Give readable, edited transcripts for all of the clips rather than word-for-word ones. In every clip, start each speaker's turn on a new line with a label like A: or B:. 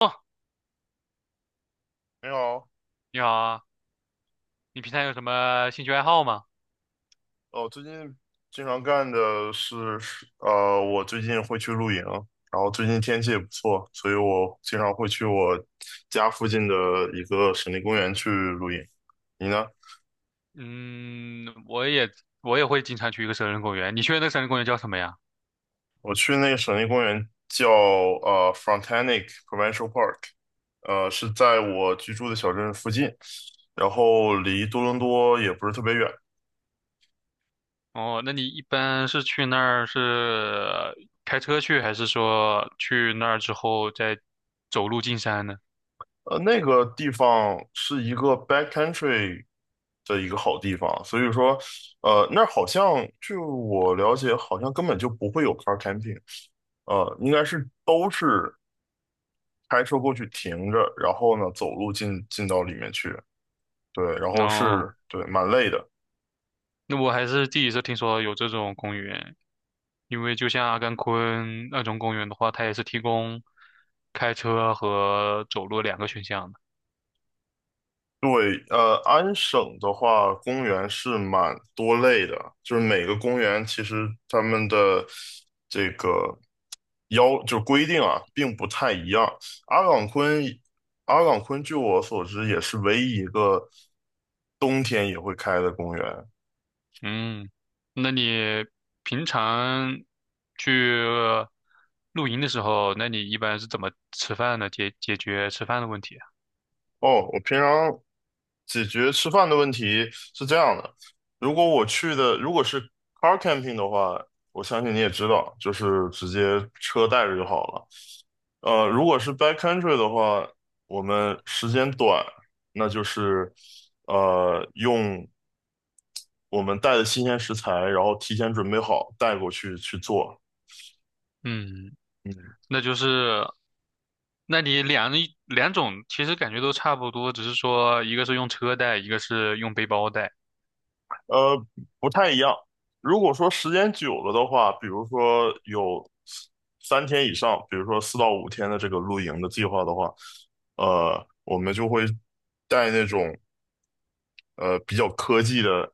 A: 哦，
B: 你好。
A: 你好啊，你平常有什么兴趣爱好吗？
B: 哦，最近经常干的是，我最近会去露营，然后最近天气也不错，所以我经常会去我家附近的一个省立公园去露营。你呢？
A: 嗯，我也会经常去一个森林公园。你去的那个森林公园叫什么呀？
B: 我去那个省立公园叫Frontenac Provincial Park，是在我居住的小镇附近，然后离多伦多也不是特别远。
A: 哦，那你一般是去那儿是开车去，还是说去那儿之后再走路进山呢？
B: 那个地方是一个 backcountry 的一个好地方，所以说，那儿好像据我了解，好像根本就不会有 car camping。应该是都是开车过去停着，然后呢，走路进到里面去。对，然后
A: 哦，
B: 是，对，蛮累的，
A: 那我还是第一次听说有这种公园，因为就像阿甘昆那种公园的话，它也是提供开车和走路两个选项的。
B: 对。安省的话，公园是蛮多类的，就是每个公园其实他们的这个要就规定啊，并不太一样。阿岗昆，阿岗昆据我所知也是唯一一个冬天也会开的公园。
A: 嗯，那你平常去露营的时候，那你一般是怎么吃饭呢？解决吃饭的问题啊？
B: 哦，我平常解决吃饭的问题是这样的。如果是 car camping 的话，我相信你也知道，就是直接车带着就好了。如果是 backcountry 的话，我们时间短，那就是用我们带的新鲜食材，然后提前准备好带过去去做。
A: 嗯，
B: 嗯。
A: 那就是，那你一两种其实感觉都差不多，只是说一个是用车带，一个是用背包带。
B: 呃，不太一样。如果说时间久了的话，比如说有3天以上，比如说4到5天的这个露营的计划的话，我们就会带那种。比较科技的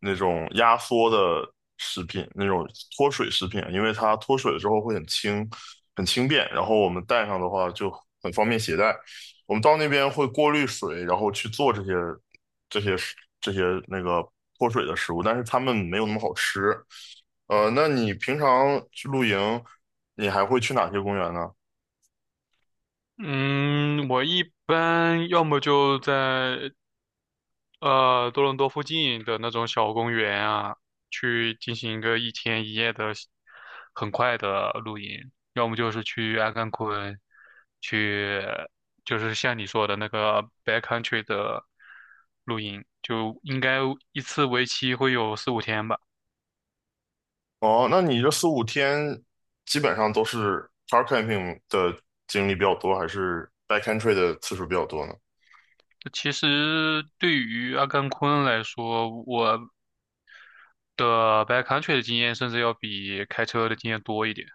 B: 那种压缩的食品，那种脱水食品啊，因为它脱水了之后会很轻、很轻便，然后我们带上的话就很方便携带。我们到那边会过滤水，然后去做这些食这些那个脱水的食物，但是它们没有那么好吃。那你平常去露营，你还会去哪些公园呢？
A: 嗯，我一般要么就在多伦多附近的那种小公园啊，去进行一个一天一夜的很快的露营，要么就是去阿甘昆，去就是像你说的那个 backcountry 的露营，就应该一次为期会有四五天吧。
B: 哦，那你这四五天基本上都是 car camping 的经历比较多，还是 backcountry 的次数比较多呢？
A: 其实对于阿甘昆来说，我的 backcountry 的经验甚至要比开车的经验多一点。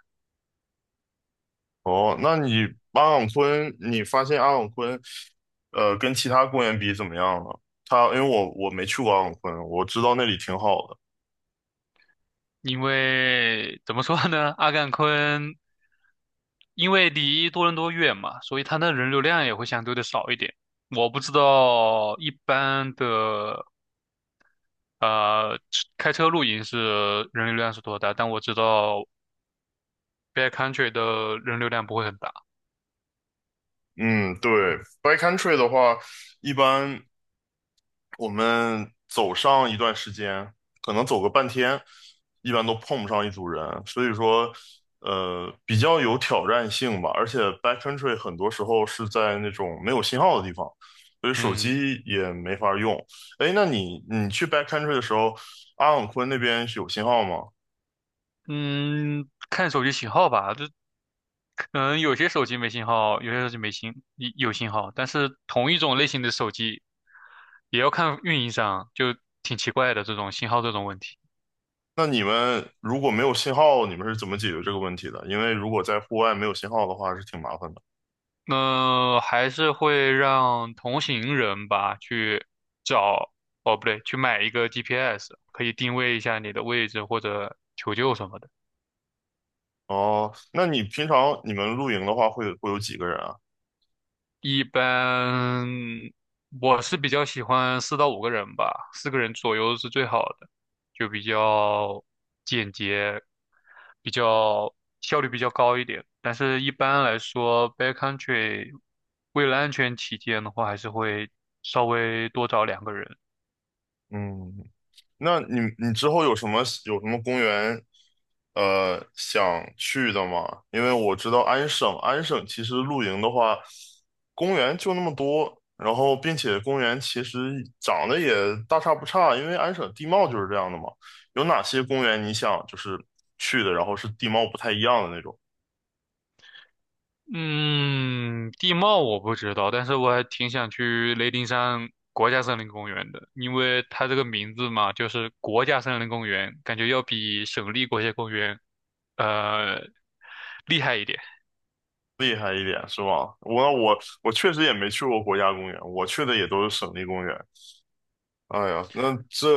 B: 哦，那你阿朗昆，你发现阿朗昆，跟其他公园比怎么样呢？因为我没去过阿朗昆，我知道那里挺好的。
A: 因为怎么说呢，阿甘昆因为离多伦多远嘛，所以它的人流量也会相对的少一点。我不知道一般的呃开车露营是人流量是多大，但我知道 backcountry 的人流量不会很大。
B: 嗯，对，backcountry 的话，一般我们走上一段时间，可能走个半天，一般都碰不上一组人，所以说，比较有挑战性吧。而且 backcountry 很多时候是在那种没有信号的地方，所以手
A: 嗯
B: 机也没法用。哎，那你去 backcountry 的时候，阿朗昆那边是有信号吗？
A: 嗯，看手机信号吧，这可能有些手机没信号，有些手机没信有信号，但是同一种类型的手机也要看运营商，就挺奇怪的这种信号这种问题。
B: 那你们如果没有信号，你们是怎么解决这个问题的？因为如果在户外没有信号的话，是挺麻烦的。
A: 还是会让同行人吧去找，哦，不对，去买一个 GPS，可以定位一下你的位置或者求救什么的。
B: 哦，那你平常你们露营的话，会有几个人啊？
A: 一般我是比较喜欢四到五个人吧，四个人左右是最好的，就比较简洁，比较效率比较高一点。但是一般来说，backcountry 为了安全起见的话，还是会稍微多找两个人。
B: 嗯。那你之后有什么公园想去的吗？因为我知道安省其实露营的话，公园就那么多，然后并且公园其实长得也大差不差，因为安省地貌就是这样的嘛。有哪些公园你想就是去的，然后是地貌不太一样的那种。
A: 嗯，地貌我不知道，但是我还挺想去雷丁山国家森林公园的，因为它这个名字嘛，就是国家森林公园，感觉要比省立国家公园呃厉害一点。
B: 厉害一点是吧？我我确实也没去过国家公园，我去的也都是省立公园。哎呀，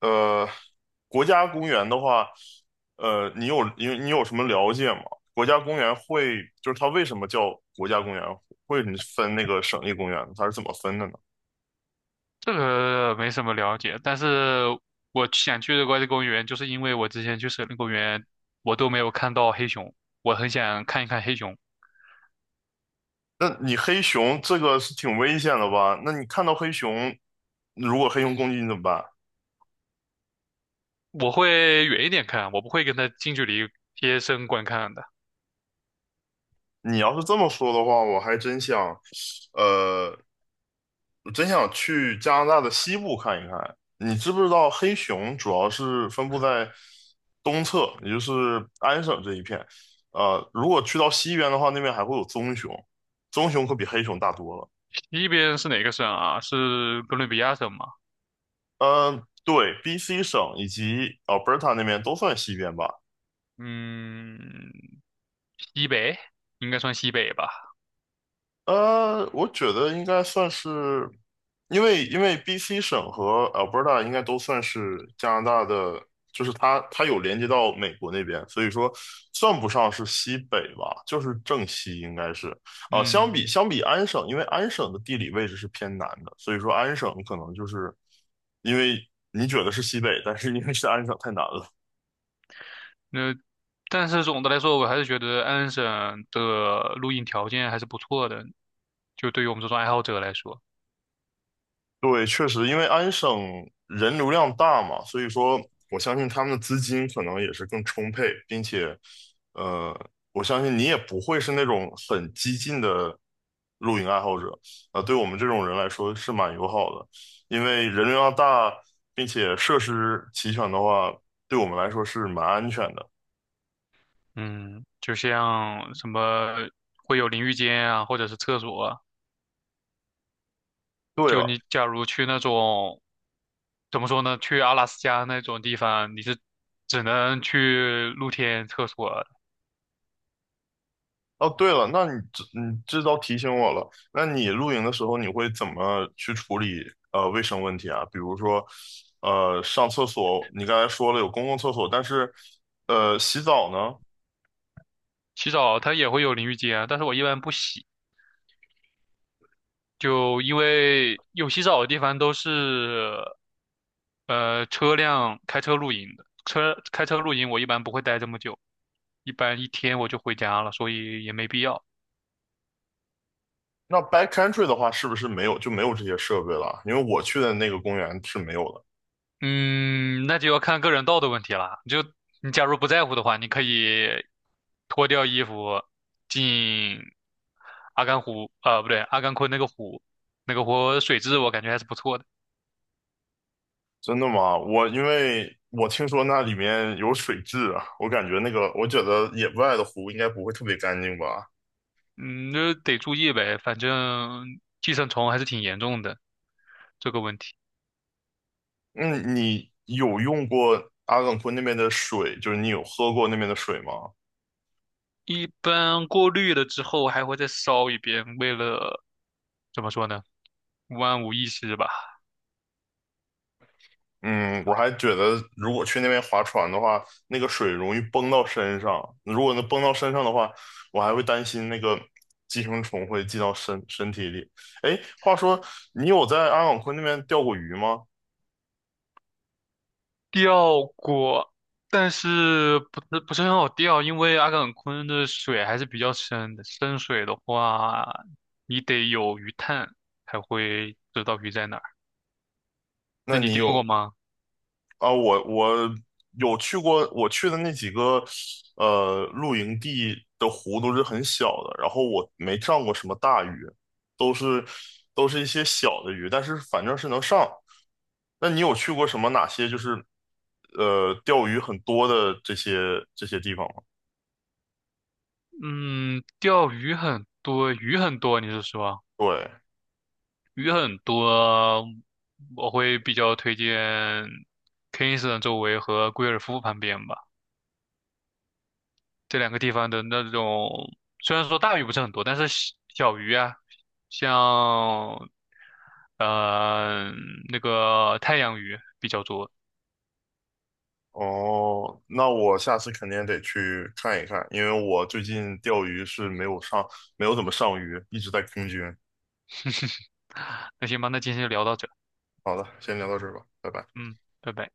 B: 呃，国家公园的话，你有什么了解吗？国家公园会就是它为什么叫国家公园？会什么分那个省立公园？它是怎么分的呢？
A: 这个没什么了解，但是我想去的国家公园，就是因为我之前去森林公园，我都没有看到黑熊，我很想看一看黑熊。
B: 那你黑熊这个是挺危险的吧？那你看到黑熊，如果黑熊攻击你怎么办？
A: 我会远一点看，我不会跟它近距离贴身观看的。
B: 你要是这么说的话，呃，我真想去加拿大的西部看一看。你知不知道黑熊主要是分布在东侧，也就是安省这一片。如果去到西边的话，那边还会有棕熊，棕熊可比黑熊大多了。
A: 西边是哪个省啊？是哥伦比亚省吗？
B: 嗯，对，BC 省以及 Alberta 那边都算西边吧。
A: 嗯，西北应该算西北吧。
B: 我觉得应该算是，因为 BC 省和 Alberta 应该都算是加拿大的，就是它有连接到美国那边，所以说算不上是西北吧，就是正西应该是。啊，相
A: 嗯，
B: 比相比安省，因为安省的地理位置是偏南的，所以说安省可能就是因为你觉得是西北，但是因为是安省太南了。
A: 那但是总的来说，我还是觉得安省的录音条件还是不错的，就对于我们这种爱好者来说，
B: 对，确实，因为安省人流量大嘛，所以说我相信他们的资金可能也是更充沛，并且，呃，我相信你也不会是那种很激进的露营爱好者。啊，对我们这种人来说是蛮友好的，因为人流量大，并且设施齐全的话，对我们来说是蛮安全的。
A: 嗯，就像什么会有淋浴间啊，或者是厕所啊，
B: 对
A: 就
B: 了，
A: 你假如去那种怎么说呢，去阿拉斯加那种地方，你是只能去露天厕所，
B: 哦，对了，那你这倒提醒我了。那你露营的时候，你会怎么去处理卫生问题啊？比如说，上厕所，你刚才说了有公共厕所，但是洗澡呢？
A: 洗澡它也会有淋浴间啊，但是我一般不洗，就因为有洗澡的地方都是车辆开车露营的，车开车露营我一般不会待这么久，一般一天我就回家了，所以也没必要。
B: 那 backcountry 的话，是不是没有就没有这些设备了？因为我去的那个公园是没有的。
A: 嗯，那就要看个人道德问题啦。就你假如不在乎的话，你可以脱掉衣服进阿甘湖，不对，阿甘昆那个湖，那个湖水质我感觉还是不错的。
B: 真的吗？因为我听说那里面有水质啊，我感觉那个我觉得野外的湖应该不会特别干净吧？
A: 嗯，那得注意呗，反正寄生虫还是挺严重的这个问题。
B: 嗯，你有用过阿勒冈昆那边的水，就是你有喝过那边的水吗？
A: 一般过滤了之后还会再烧一遍，为了怎么说呢，万无一失吧。
B: 嗯，我还觉得如果去那边划船的话，那个水容易崩到身上。如果能崩到身上的话，我还会担心那个寄生虫会进到身体里。哎，话说你有在阿勒冈昆那边钓过鱼吗？
A: 钓过，但是不是很好钓，因为阿岗昆的水还是比较深的，深水的话，你得有鱼探才会知道鱼在哪儿。
B: 那
A: 那你
B: 你
A: 钓过
B: 有
A: 吗？
B: 啊，我有去过，我去的那几个露营地的湖都是很小的，然后我没上过什么大鱼，都是都是一些小的鱼，但是反正是能上。那你有去过哪些就是钓鱼很多的这些地方吗？
A: 嗯，钓鱼很多，鱼很多，你是说？
B: 对，
A: 鱼很多，我会比较推荐 Kingston 周围和贵尔夫旁边吧，这两个地方的那种，虽然说大鱼不是很多，但是小小鱼啊，像呃那个太阳鱼比较多。
B: 哦，那我下次肯定得去看一看，因为我最近钓鱼是没有怎么上鱼，一直在空军。
A: 那行吧，那今天就聊到这，
B: 好的，先聊到这儿吧，拜拜。
A: 嗯，拜拜。